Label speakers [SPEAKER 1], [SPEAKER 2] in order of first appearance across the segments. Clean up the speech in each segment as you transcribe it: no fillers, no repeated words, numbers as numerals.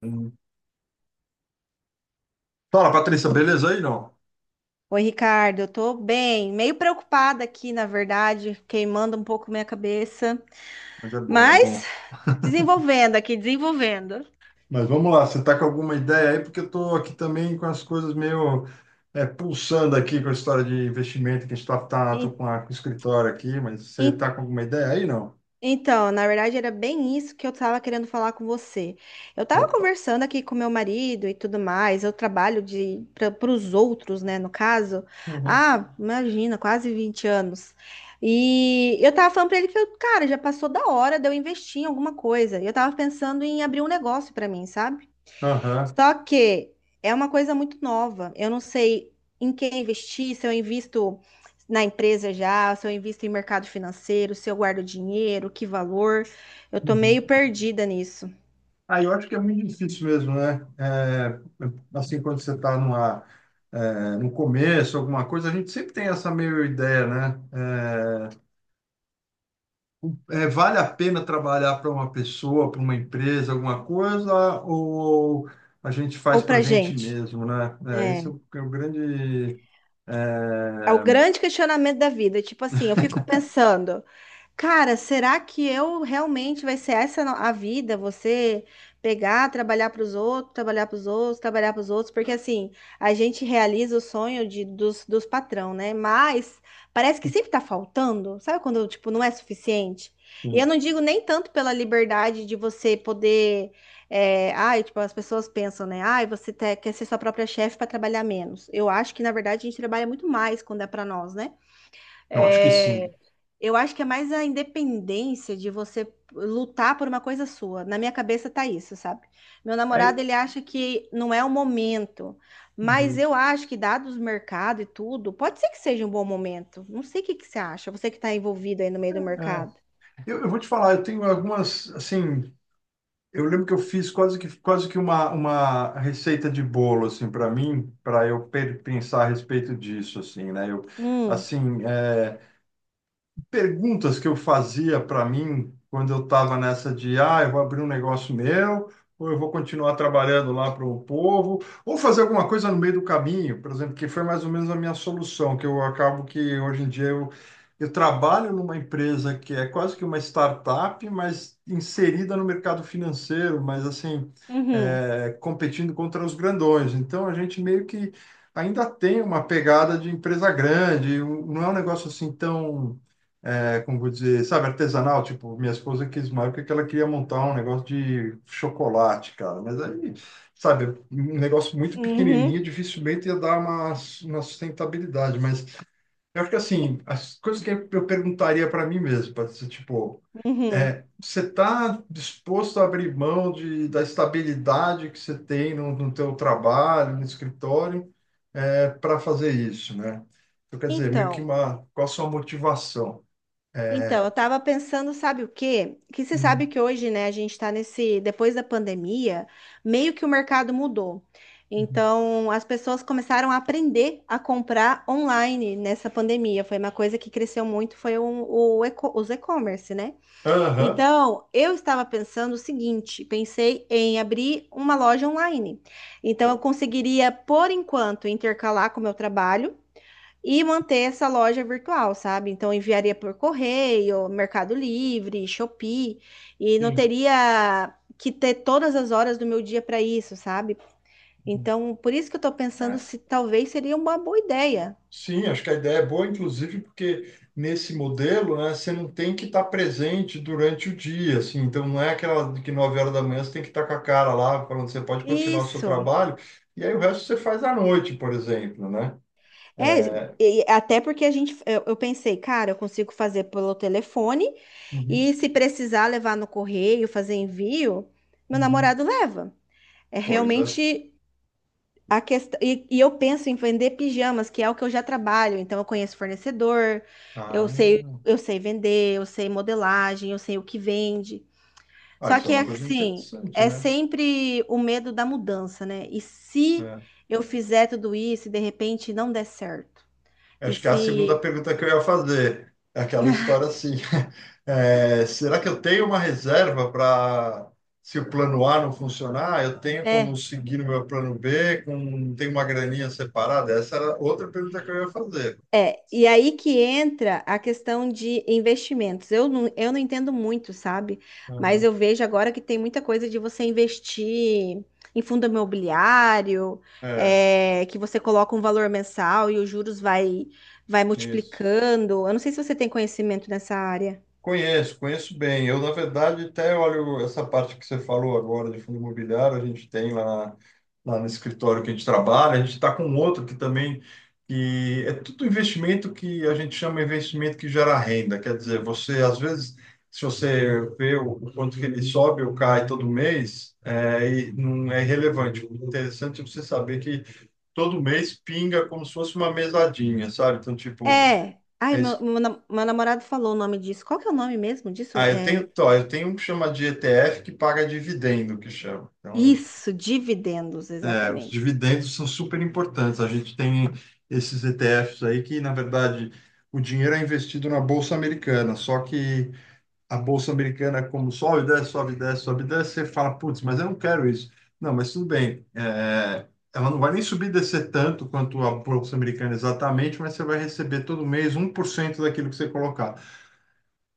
[SPEAKER 1] Hum. Fala, Patrícia, beleza aí? Não,
[SPEAKER 2] Oi, Ricardo, eu tô bem, meio preocupada aqui, na verdade, queimando um pouco minha cabeça,
[SPEAKER 1] mas é bom, é bom.
[SPEAKER 2] mas desenvolvendo aqui, desenvolvendo.
[SPEAKER 1] Mas vamos lá, você tá com alguma ideia aí? Porque eu tô aqui também com as coisas meio pulsando aqui com a história de investimento que a gente tô
[SPEAKER 2] En-
[SPEAKER 1] com, a, com o escritório aqui, mas você
[SPEAKER 2] en-
[SPEAKER 1] tá com alguma ideia aí? Não.
[SPEAKER 2] Então, na verdade, era bem isso que eu estava querendo falar com você. Eu estava
[SPEAKER 1] Opa.
[SPEAKER 2] conversando aqui com meu marido e tudo mais, eu trabalho de para os outros, né, no caso.
[SPEAKER 1] Uhum.
[SPEAKER 2] Ah, imagina, quase 20 anos. E eu tava falando para ele que, eu, cara, já passou da hora de eu investir em alguma coisa. E eu tava pensando em abrir um negócio para mim, sabe?
[SPEAKER 1] Aham.
[SPEAKER 2] Só que é uma coisa muito nova. Eu não sei em quem investir, se eu invisto na empresa já, se eu invisto em mercado financeiro, se eu guardo dinheiro, que valor. Eu tô meio
[SPEAKER 1] Uhum.
[SPEAKER 2] perdida nisso.
[SPEAKER 1] Ah, eu acho que é muito difícil mesmo, né? Assim, quando você está numa, no começo, alguma coisa, a gente sempre tem essa meio ideia, né? Vale a pena trabalhar para uma pessoa, para uma empresa, alguma coisa, ou a gente faz
[SPEAKER 2] Ou
[SPEAKER 1] para a
[SPEAKER 2] pra
[SPEAKER 1] gente
[SPEAKER 2] gente.
[SPEAKER 1] mesmo, né? É, esse é
[SPEAKER 2] É.
[SPEAKER 1] o, é o grande.
[SPEAKER 2] É o
[SPEAKER 1] é,
[SPEAKER 2] grande questionamento da vida. Tipo assim, eu fico pensando, cara, será que eu realmente vai ser essa a vida? Você pegar, trabalhar para os outros, trabalhar para os outros, trabalhar para os outros, porque assim, a gente realiza o sonho dos patrão, né? Mas parece que sempre tá faltando, sabe quando, tipo, não é suficiente? E eu
[SPEAKER 1] sim.
[SPEAKER 2] não digo nem tanto pela liberdade de você poder. É, ai, tipo, as pessoas pensam, né? Ai, você quer ser sua própria chefe para trabalhar menos. Eu acho que, na verdade, a gente trabalha muito mais quando é para nós, né?
[SPEAKER 1] Eu acho que sim.
[SPEAKER 2] É, eu acho que é mais a independência de você lutar por uma coisa sua. Na minha cabeça tá isso, sabe? Meu
[SPEAKER 1] É,
[SPEAKER 2] namorado, ele acha que não é o momento, mas
[SPEAKER 1] uhum.
[SPEAKER 2] eu acho que, dados o mercado e tudo, pode ser que seja um bom momento. Não sei o que que você acha, você que tá envolvido aí no meio do
[SPEAKER 1] É,
[SPEAKER 2] mercado.
[SPEAKER 1] eu, vou te falar, eu tenho algumas, assim, eu lembro que eu fiz quase que uma receita de bolo, assim, para mim, para eu pe- pensar a respeito disso, assim, né? Eu,
[SPEAKER 2] Hum,
[SPEAKER 1] assim, perguntas que eu fazia para mim quando eu estava nessa de, ah, eu vou abrir um negócio meu, ou eu vou continuar trabalhando lá para o povo, ou fazer alguma coisa no meio do caminho, por exemplo, que foi mais ou menos a minha solução, que eu acabo que hoje em dia eu trabalho numa empresa que é quase que uma startup, mas inserida no mercado financeiro, mas assim,
[SPEAKER 2] uhum,
[SPEAKER 1] competindo contra os grandões. Então a gente meio que ainda tem uma pegada de empresa grande, um- não é um negócio assim tão como vou dizer, sabe, artesanal, tipo, minha esposa quis uma época que ela queria montar um negócio de chocolate, cara, mas aí, sabe, um negócio muito pequenininho,
[SPEAKER 2] uhum,
[SPEAKER 1] dificilmente ia dar uma sustentabilidade, mas eu acho que, assim, as coisas que eu perguntaria para mim mesmo, para ser, tipo,
[SPEAKER 2] uhum.
[SPEAKER 1] você está disposto a abrir mão de, da estabilidade que você tem no, no teu trabalho, no escritório, para fazer isso, né? Então, quer dizer, meio que
[SPEAKER 2] Então,
[SPEAKER 1] uma, qual a sua motivação? É,
[SPEAKER 2] Então, eu tava pensando, sabe o quê? Que você sabe
[SPEAKER 1] Hum.
[SPEAKER 2] que hoje, né, a gente tá nesse, depois da pandemia, meio que o mercado mudou.
[SPEAKER 1] Uhum.
[SPEAKER 2] Então, as pessoas começaram a aprender a comprar online nessa pandemia. Foi uma coisa que cresceu muito, foi os e-commerce, né?
[SPEAKER 1] Aham.
[SPEAKER 2] Então, eu estava pensando o seguinte, pensei em abrir uma loja online. Então, eu
[SPEAKER 1] Pô,
[SPEAKER 2] conseguiria, por enquanto, intercalar com o meu trabalho e manter essa loja virtual, sabe? Então enviaria por correio, Mercado Livre, Shopee, e não
[SPEAKER 1] sim.
[SPEAKER 2] teria que ter todas as horas do meu dia para isso, sabe?
[SPEAKER 1] Uhum.
[SPEAKER 2] Então, por isso que eu tô pensando
[SPEAKER 1] É.
[SPEAKER 2] se talvez seria uma boa ideia.
[SPEAKER 1] Sim, acho que a ideia é boa, inclusive, porque nesse modelo, né, você não tem que estar presente durante o dia, assim, então não é aquela de que 9 horas da manhã você tem que estar com a cara lá, falando você pode continuar o seu
[SPEAKER 2] Isso.
[SPEAKER 1] trabalho, e aí o resto você faz à noite, por exemplo, né? É,
[SPEAKER 2] É, e até porque a gente, eu pensei, cara, eu consigo fazer pelo telefone
[SPEAKER 1] uhum,
[SPEAKER 2] e se precisar levar no correio, fazer envio, meu
[SPEAKER 1] uhum.
[SPEAKER 2] namorado leva. É
[SPEAKER 1] Pois é.
[SPEAKER 2] realmente a questão, e eu penso em vender pijamas, que é o que eu já trabalho, então eu conheço fornecedor, eu
[SPEAKER 1] Ah,
[SPEAKER 2] sei, eu sei vender, eu sei modelagem, eu sei o que vende.
[SPEAKER 1] ah,
[SPEAKER 2] Só
[SPEAKER 1] isso é
[SPEAKER 2] que é
[SPEAKER 1] uma coisa
[SPEAKER 2] assim,
[SPEAKER 1] interessante,
[SPEAKER 2] é
[SPEAKER 1] né?
[SPEAKER 2] sempre o medo da mudança, né? E se
[SPEAKER 1] É.
[SPEAKER 2] eu fizer tudo isso e de repente não der certo? E
[SPEAKER 1] Acho que é a segunda
[SPEAKER 2] se,
[SPEAKER 1] pergunta que eu ia fazer. É aquela história assim. É, será que eu tenho uma reserva para, se o plano A não funcionar, eu tenho como
[SPEAKER 2] né?
[SPEAKER 1] seguir o meu plano B, com, tem uma graninha separada? Essa era outra pergunta que eu ia fazer.
[SPEAKER 2] É, e aí que entra a questão de investimentos. Eu não entendo muito, sabe? Mas
[SPEAKER 1] Uhum.
[SPEAKER 2] eu vejo agora que tem muita coisa de você investir em fundo imobiliário,
[SPEAKER 1] É,
[SPEAKER 2] é, que você coloca um valor mensal e os juros vai
[SPEAKER 1] isso.
[SPEAKER 2] multiplicando. Eu não sei se você tem conhecimento nessa área.
[SPEAKER 1] Conheço, conheço bem. Eu, na verdade, até olho essa parte que você falou agora de fundo imobiliário, a gente tem lá, lá no escritório que a gente trabalha, a gente está com outro que também que é tudo investimento que a gente chama investimento que gera renda. Quer dizer, você, às vezes, se você vê o quanto que ele sobe ou cai todo mês, é, e não é relevante. O interessante é você saber que todo mês pinga como se fosse uma mesadinha, sabe? Então, tipo,
[SPEAKER 2] É. Ai, meu namorado falou o nome disso. Qual que é o nome mesmo disso?
[SPEAKER 1] ah, eu
[SPEAKER 2] É,
[SPEAKER 1] tenho, tó, eu tenho um que chama de ETF que paga dividendo, que chama. Então,
[SPEAKER 2] isso, dividendos,
[SPEAKER 1] é, os
[SPEAKER 2] exatamente.
[SPEAKER 1] dividendos são super importantes. A gente tem esses ETFs aí que, na verdade, o dinheiro é investido na Bolsa Americana. Só que a Bolsa Americana, é como sobe, desce, sobe, desce, sobe, desce, você fala, putz, mas eu não quero isso. Não, mas tudo bem. É, ela não vai nem subir e descer tanto quanto a Bolsa Americana exatamente, mas você vai receber todo mês um por cento daquilo que você colocar.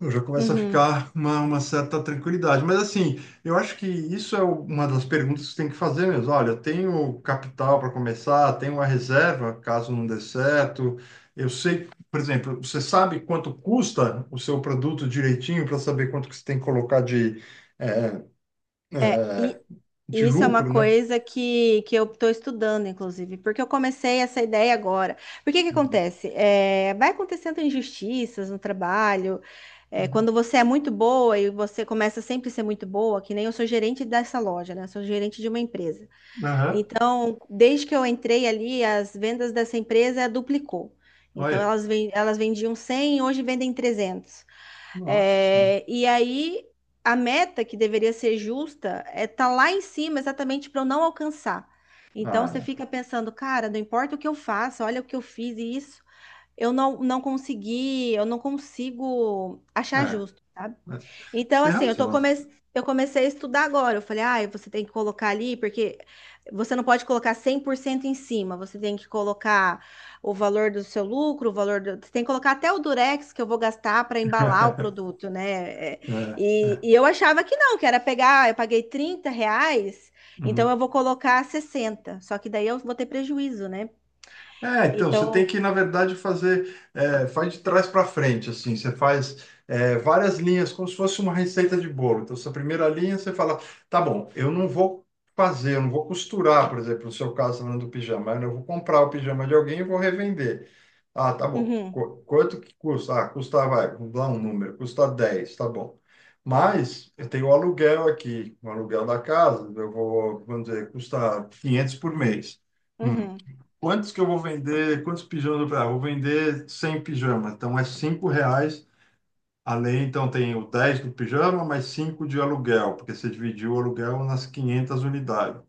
[SPEAKER 1] Eu já começa a
[SPEAKER 2] Uhum.
[SPEAKER 1] ficar uma certa tranquilidade. Mas assim, eu acho que isso é o- uma das perguntas que você tem que fazer mesmo. Olha, eu tenho capital para começar, tenho uma reserva caso não dê certo. Eu sei, por exemplo, você sabe quanto custa o seu produto direitinho para saber quanto que você tem que colocar de, é,
[SPEAKER 2] É,
[SPEAKER 1] é,
[SPEAKER 2] e
[SPEAKER 1] de
[SPEAKER 2] e isso é uma
[SPEAKER 1] lucro, né?
[SPEAKER 2] coisa que eu estou estudando, inclusive, porque eu comecei essa ideia agora. Porque que
[SPEAKER 1] Uhum.
[SPEAKER 2] acontece? É, vai acontecendo injustiças no trabalho. É,
[SPEAKER 1] Uhum.
[SPEAKER 2] quando você é muito boa e você começa sempre a ser muito boa, que nem eu sou gerente dessa loja, né? Eu sou gerente de uma empresa.
[SPEAKER 1] Aham.
[SPEAKER 2] Então, desde que eu entrei ali, as vendas dessa empresa duplicou. Então,
[SPEAKER 1] Olha,
[SPEAKER 2] elas vendiam 100, hoje vendem 300.
[SPEAKER 1] nossa senhora.
[SPEAKER 2] É, e aí a meta que deveria ser justa é tá lá em cima exatamente para eu não alcançar. Então você
[SPEAKER 1] Ah,
[SPEAKER 2] fica pensando, cara, não importa o que eu faça, olha o que eu fiz e isso, eu não consegui, eu não consigo
[SPEAKER 1] é.
[SPEAKER 2] achar justo, sabe?
[SPEAKER 1] É. Você
[SPEAKER 2] Então,
[SPEAKER 1] tem
[SPEAKER 2] assim,
[SPEAKER 1] razão.
[SPEAKER 2] eu comecei a estudar agora. Eu falei, ah, você tem que colocar ali, porque você não pode colocar 100% em cima. Você tem que colocar o valor do seu lucro, o valor do... Você tem que colocar até o Durex que eu vou gastar para embalar o produto, né? É,
[SPEAKER 1] É,
[SPEAKER 2] E,
[SPEAKER 1] é.
[SPEAKER 2] e eu achava que não, que era pegar: "Ah, eu paguei R$ 30, então
[SPEAKER 1] Uhum.
[SPEAKER 2] eu vou colocar 60." Só que daí eu vou ter prejuízo, né?
[SPEAKER 1] É, então, você tem
[SPEAKER 2] Então,
[SPEAKER 1] que, na verdade, fazer, é, faz de trás para frente, assim, você faz várias linhas, como se fosse uma receita de bolo. Então, essa primeira linha, você fala, tá bom, eu não vou fazer, eu não vou costurar, por exemplo, no seu caso, falando do pijama, né, eu vou comprar o pijama de alguém e vou revender. Ah, tá bom,
[SPEAKER 2] uhum,
[SPEAKER 1] Qu- quanto que custa? Ah, custa, vai, vamos dar um número, custa 10, tá bom. Mas eu tenho o aluguel aqui, o aluguel da casa, eu vou, vamos dizer, custa 500 por mês. Hum,
[SPEAKER 2] uhum,
[SPEAKER 1] quantos que eu vou vender? Quantos pijamas eu vou- ah, vou vender 100 pijamas. Então é 5 reais além. Então tem o 10 do pijama, mais 5 de aluguel, porque você dividiu o aluguel nas 500 unidades.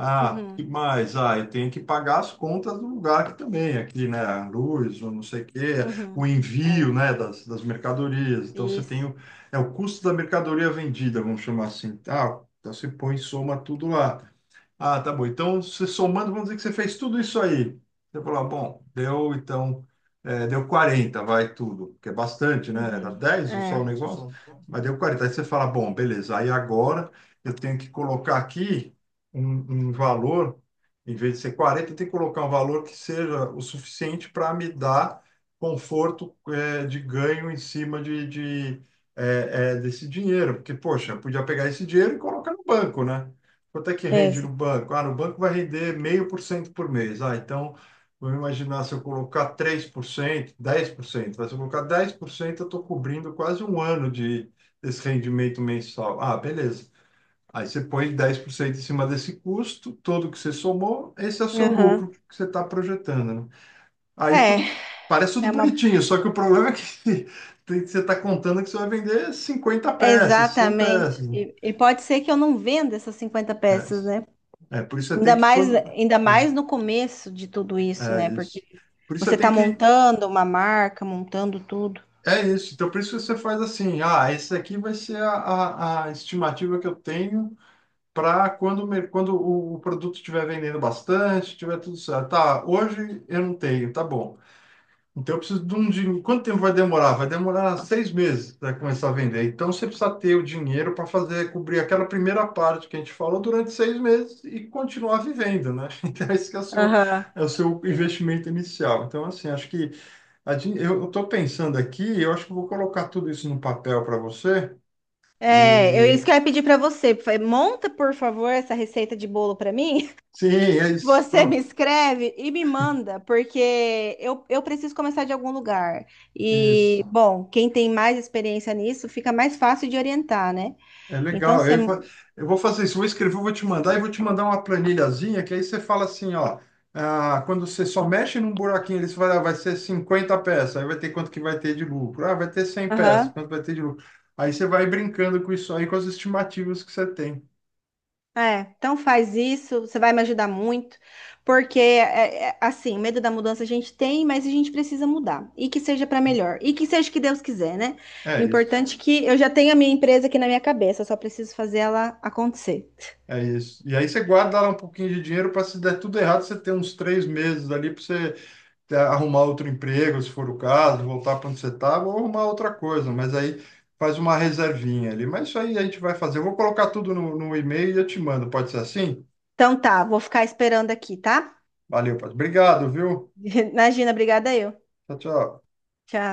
[SPEAKER 1] Ah, que
[SPEAKER 2] uhum,
[SPEAKER 1] mais? Ah, eu tenho que pagar as contas do lugar aqui também, aqui, né? A luz, ou não sei o quê,
[SPEAKER 2] uhum.
[SPEAKER 1] o envio,
[SPEAKER 2] É,
[SPEAKER 1] né, das, das mercadorias. Então você tem
[SPEAKER 2] isso.
[SPEAKER 1] o, é o custo da mercadoria vendida, vamos chamar assim. Ah, então você põe e soma tudo lá. Ah, tá bom. Então, você somando, vamos dizer que você fez tudo isso aí. Você falou, ah, bom, deu então, deu 40, vai tudo, que é bastante, né? Era
[SPEAKER 2] Uhum,
[SPEAKER 1] 10 só o
[SPEAKER 2] é.
[SPEAKER 1] negócio, mas deu 40. Aí você fala, bom, beleza, aí agora eu tenho que colocar aqui um, um valor, em vez de ser 40, eu tenho que colocar um valor que seja o suficiente para me dar conforto, é, de ganho em cima de, desse dinheiro. Porque, poxa, eu podia pegar esse dinheiro e colocar no banco, né? Quanto é que
[SPEAKER 2] É.
[SPEAKER 1] rende no banco? Ah, no banco vai render meio por cento por mês. Ah, então, vamos imaginar se eu colocar 3%, 10%. Mas se eu colocar 10%, eu estou cobrindo quase um ano de, desse rendimento mensal. Ah, beleza. Aí você põe 10% em cima desse custo, todo que você somou, esse é o seu
[SPEAKER 2] Aham.
[SPEAKER 1] lucro que você está projetando, né? Aí
[SPEAKER 2] É,
[SPEAKER 1] tudo parece tudo
[SPEAKER 2] é uma.
[SPEAKER 1] bonitinho, só que o problema é que tem- você está contando que você vai vender 50
[SPEAKER 2] É
[SPEAKER 1] peças, 100
[SPEAKER 2] exatamente.
[SPEAKER 1] peças. Né?
[SPEAKER 2] E pode ser que eu não venda essas 50 peças, né?
[SPEAKER 1] É, é por isso você tem que quando
[SPEAKER 2] Ainda
[SPEAKER 1] né?
[SPEAKER 2] mais no começo de tudo isso,
[SPEAKER 1] É
[SPEAKER 2] né?
[SPEAKER 1] isso.
[SPEAKER 2] Porque
[SPEAKER 1] Por isso você
[SPEAKER 2] você tá
[SPEAKER 1] tem que.
[SPEAKER 2] montando uma marca, montando tudo.
[SPEAKER 1] É isso. Então, por isso você faz assim: ah, esse aqui vai ser a estimativa que eu tenho para quando, o mer- quando o produto estiver vendendo bastante, tiver tudo certo. Tá, hoje eu não tenho, tá bom. Então, eu preciso de um dinheiro. Quanto tempo vai demorar? Vai demorar 6 meses para começar a vender. Então, você precisa ter o dinheiro para fazer, cobrir aquela primeira parte que a gente falou durante 6 meses e continuar vivendo, né? Então, esse que
[SPEAKER 2] Aham.
[SPEAKER 1] é o seu investimento inicial. Então, assim, acho que. A gente- eu estou pensando aqui, eu acho que vou colocar tudo isso no papel para você.
[SPEAKER 2] É, eu isso
[SPEAKER 1] E
[SPEAKER 2] que eu ia pedir pra você. Falei: "Monta, por favor, essa receita de bolo pra mim."
[SPEAKER 1] sim, é isso,
[SPEAKER 2] Você me
[SPEAKER 1] pronto.
[SPEAKER 2] escreve e me manda, porque eu preciso começar de algum lugar. E,
[SPEAKER 1] Isso.
[SPEAKER 2] bom, quem tem mais experiência nisso fica mais fácil de orientar, né?
[SPEAKER 1] É
[SPEAKER 2] Então,
[SPEAKER 1] legal.
[SPEAKER 2] você.
[SPEAKER 1] Eu, fa- eu vou fazer isso, vou escrever, eu vou te mandar e vou te mandar uma planilhazinha que aí você fala assim, ó, ah, quando você só mexe num buraquinho, eles vai, ah, vai ser 50 peças, aí vai ter quanto que vai ter de lucro. Ah, vai ter 100 peças,
[SPEAKER 2] Aham.
[SPEAKER 1] quanto vai ter de lucro. Aí você vai brincando com isso aí, com as estimativas que você tem.
[SPEAKER 2] É, então faz isso, você vai me ajudar muito, porque, é, assim, o medo da mudança a gente tem, mas a gente precisa mudar. E que seja para melhor. E que seja o que Deus quiser, né? O
[SPEAKER 1] É isso.
[SPEAKER 2] importante é que eu já tenho a minha empresa aqui na minha cabeça, eu só preciso fazer ela acontecer.
[SPEAKER 1] É isso. E aí você guarda lá um pouquinho de dinheiro para se der tudo errado, você ter uns 3 meses ali para você ter- arrumar outro emprego, se for o caso, voltar para onde você estava, ou arrumar outra coisa. Mas aí faz uma reservinha ali. Mas isso aí a gente vai fazer. Eu vou colocar tudo no, no e-mail e eu te mando. Pode ser assim?
[SPEAKER 2] Então tá, vou ficar esperando aqui, tá?
[SPEAKER 1] Valeu, pode. Obrigado, viu?
[SPEAKER 2] Imagina, obrigada eu.
[SPEAKER 1] Tchau, tchau.
[SPEAKER 2] Tchau.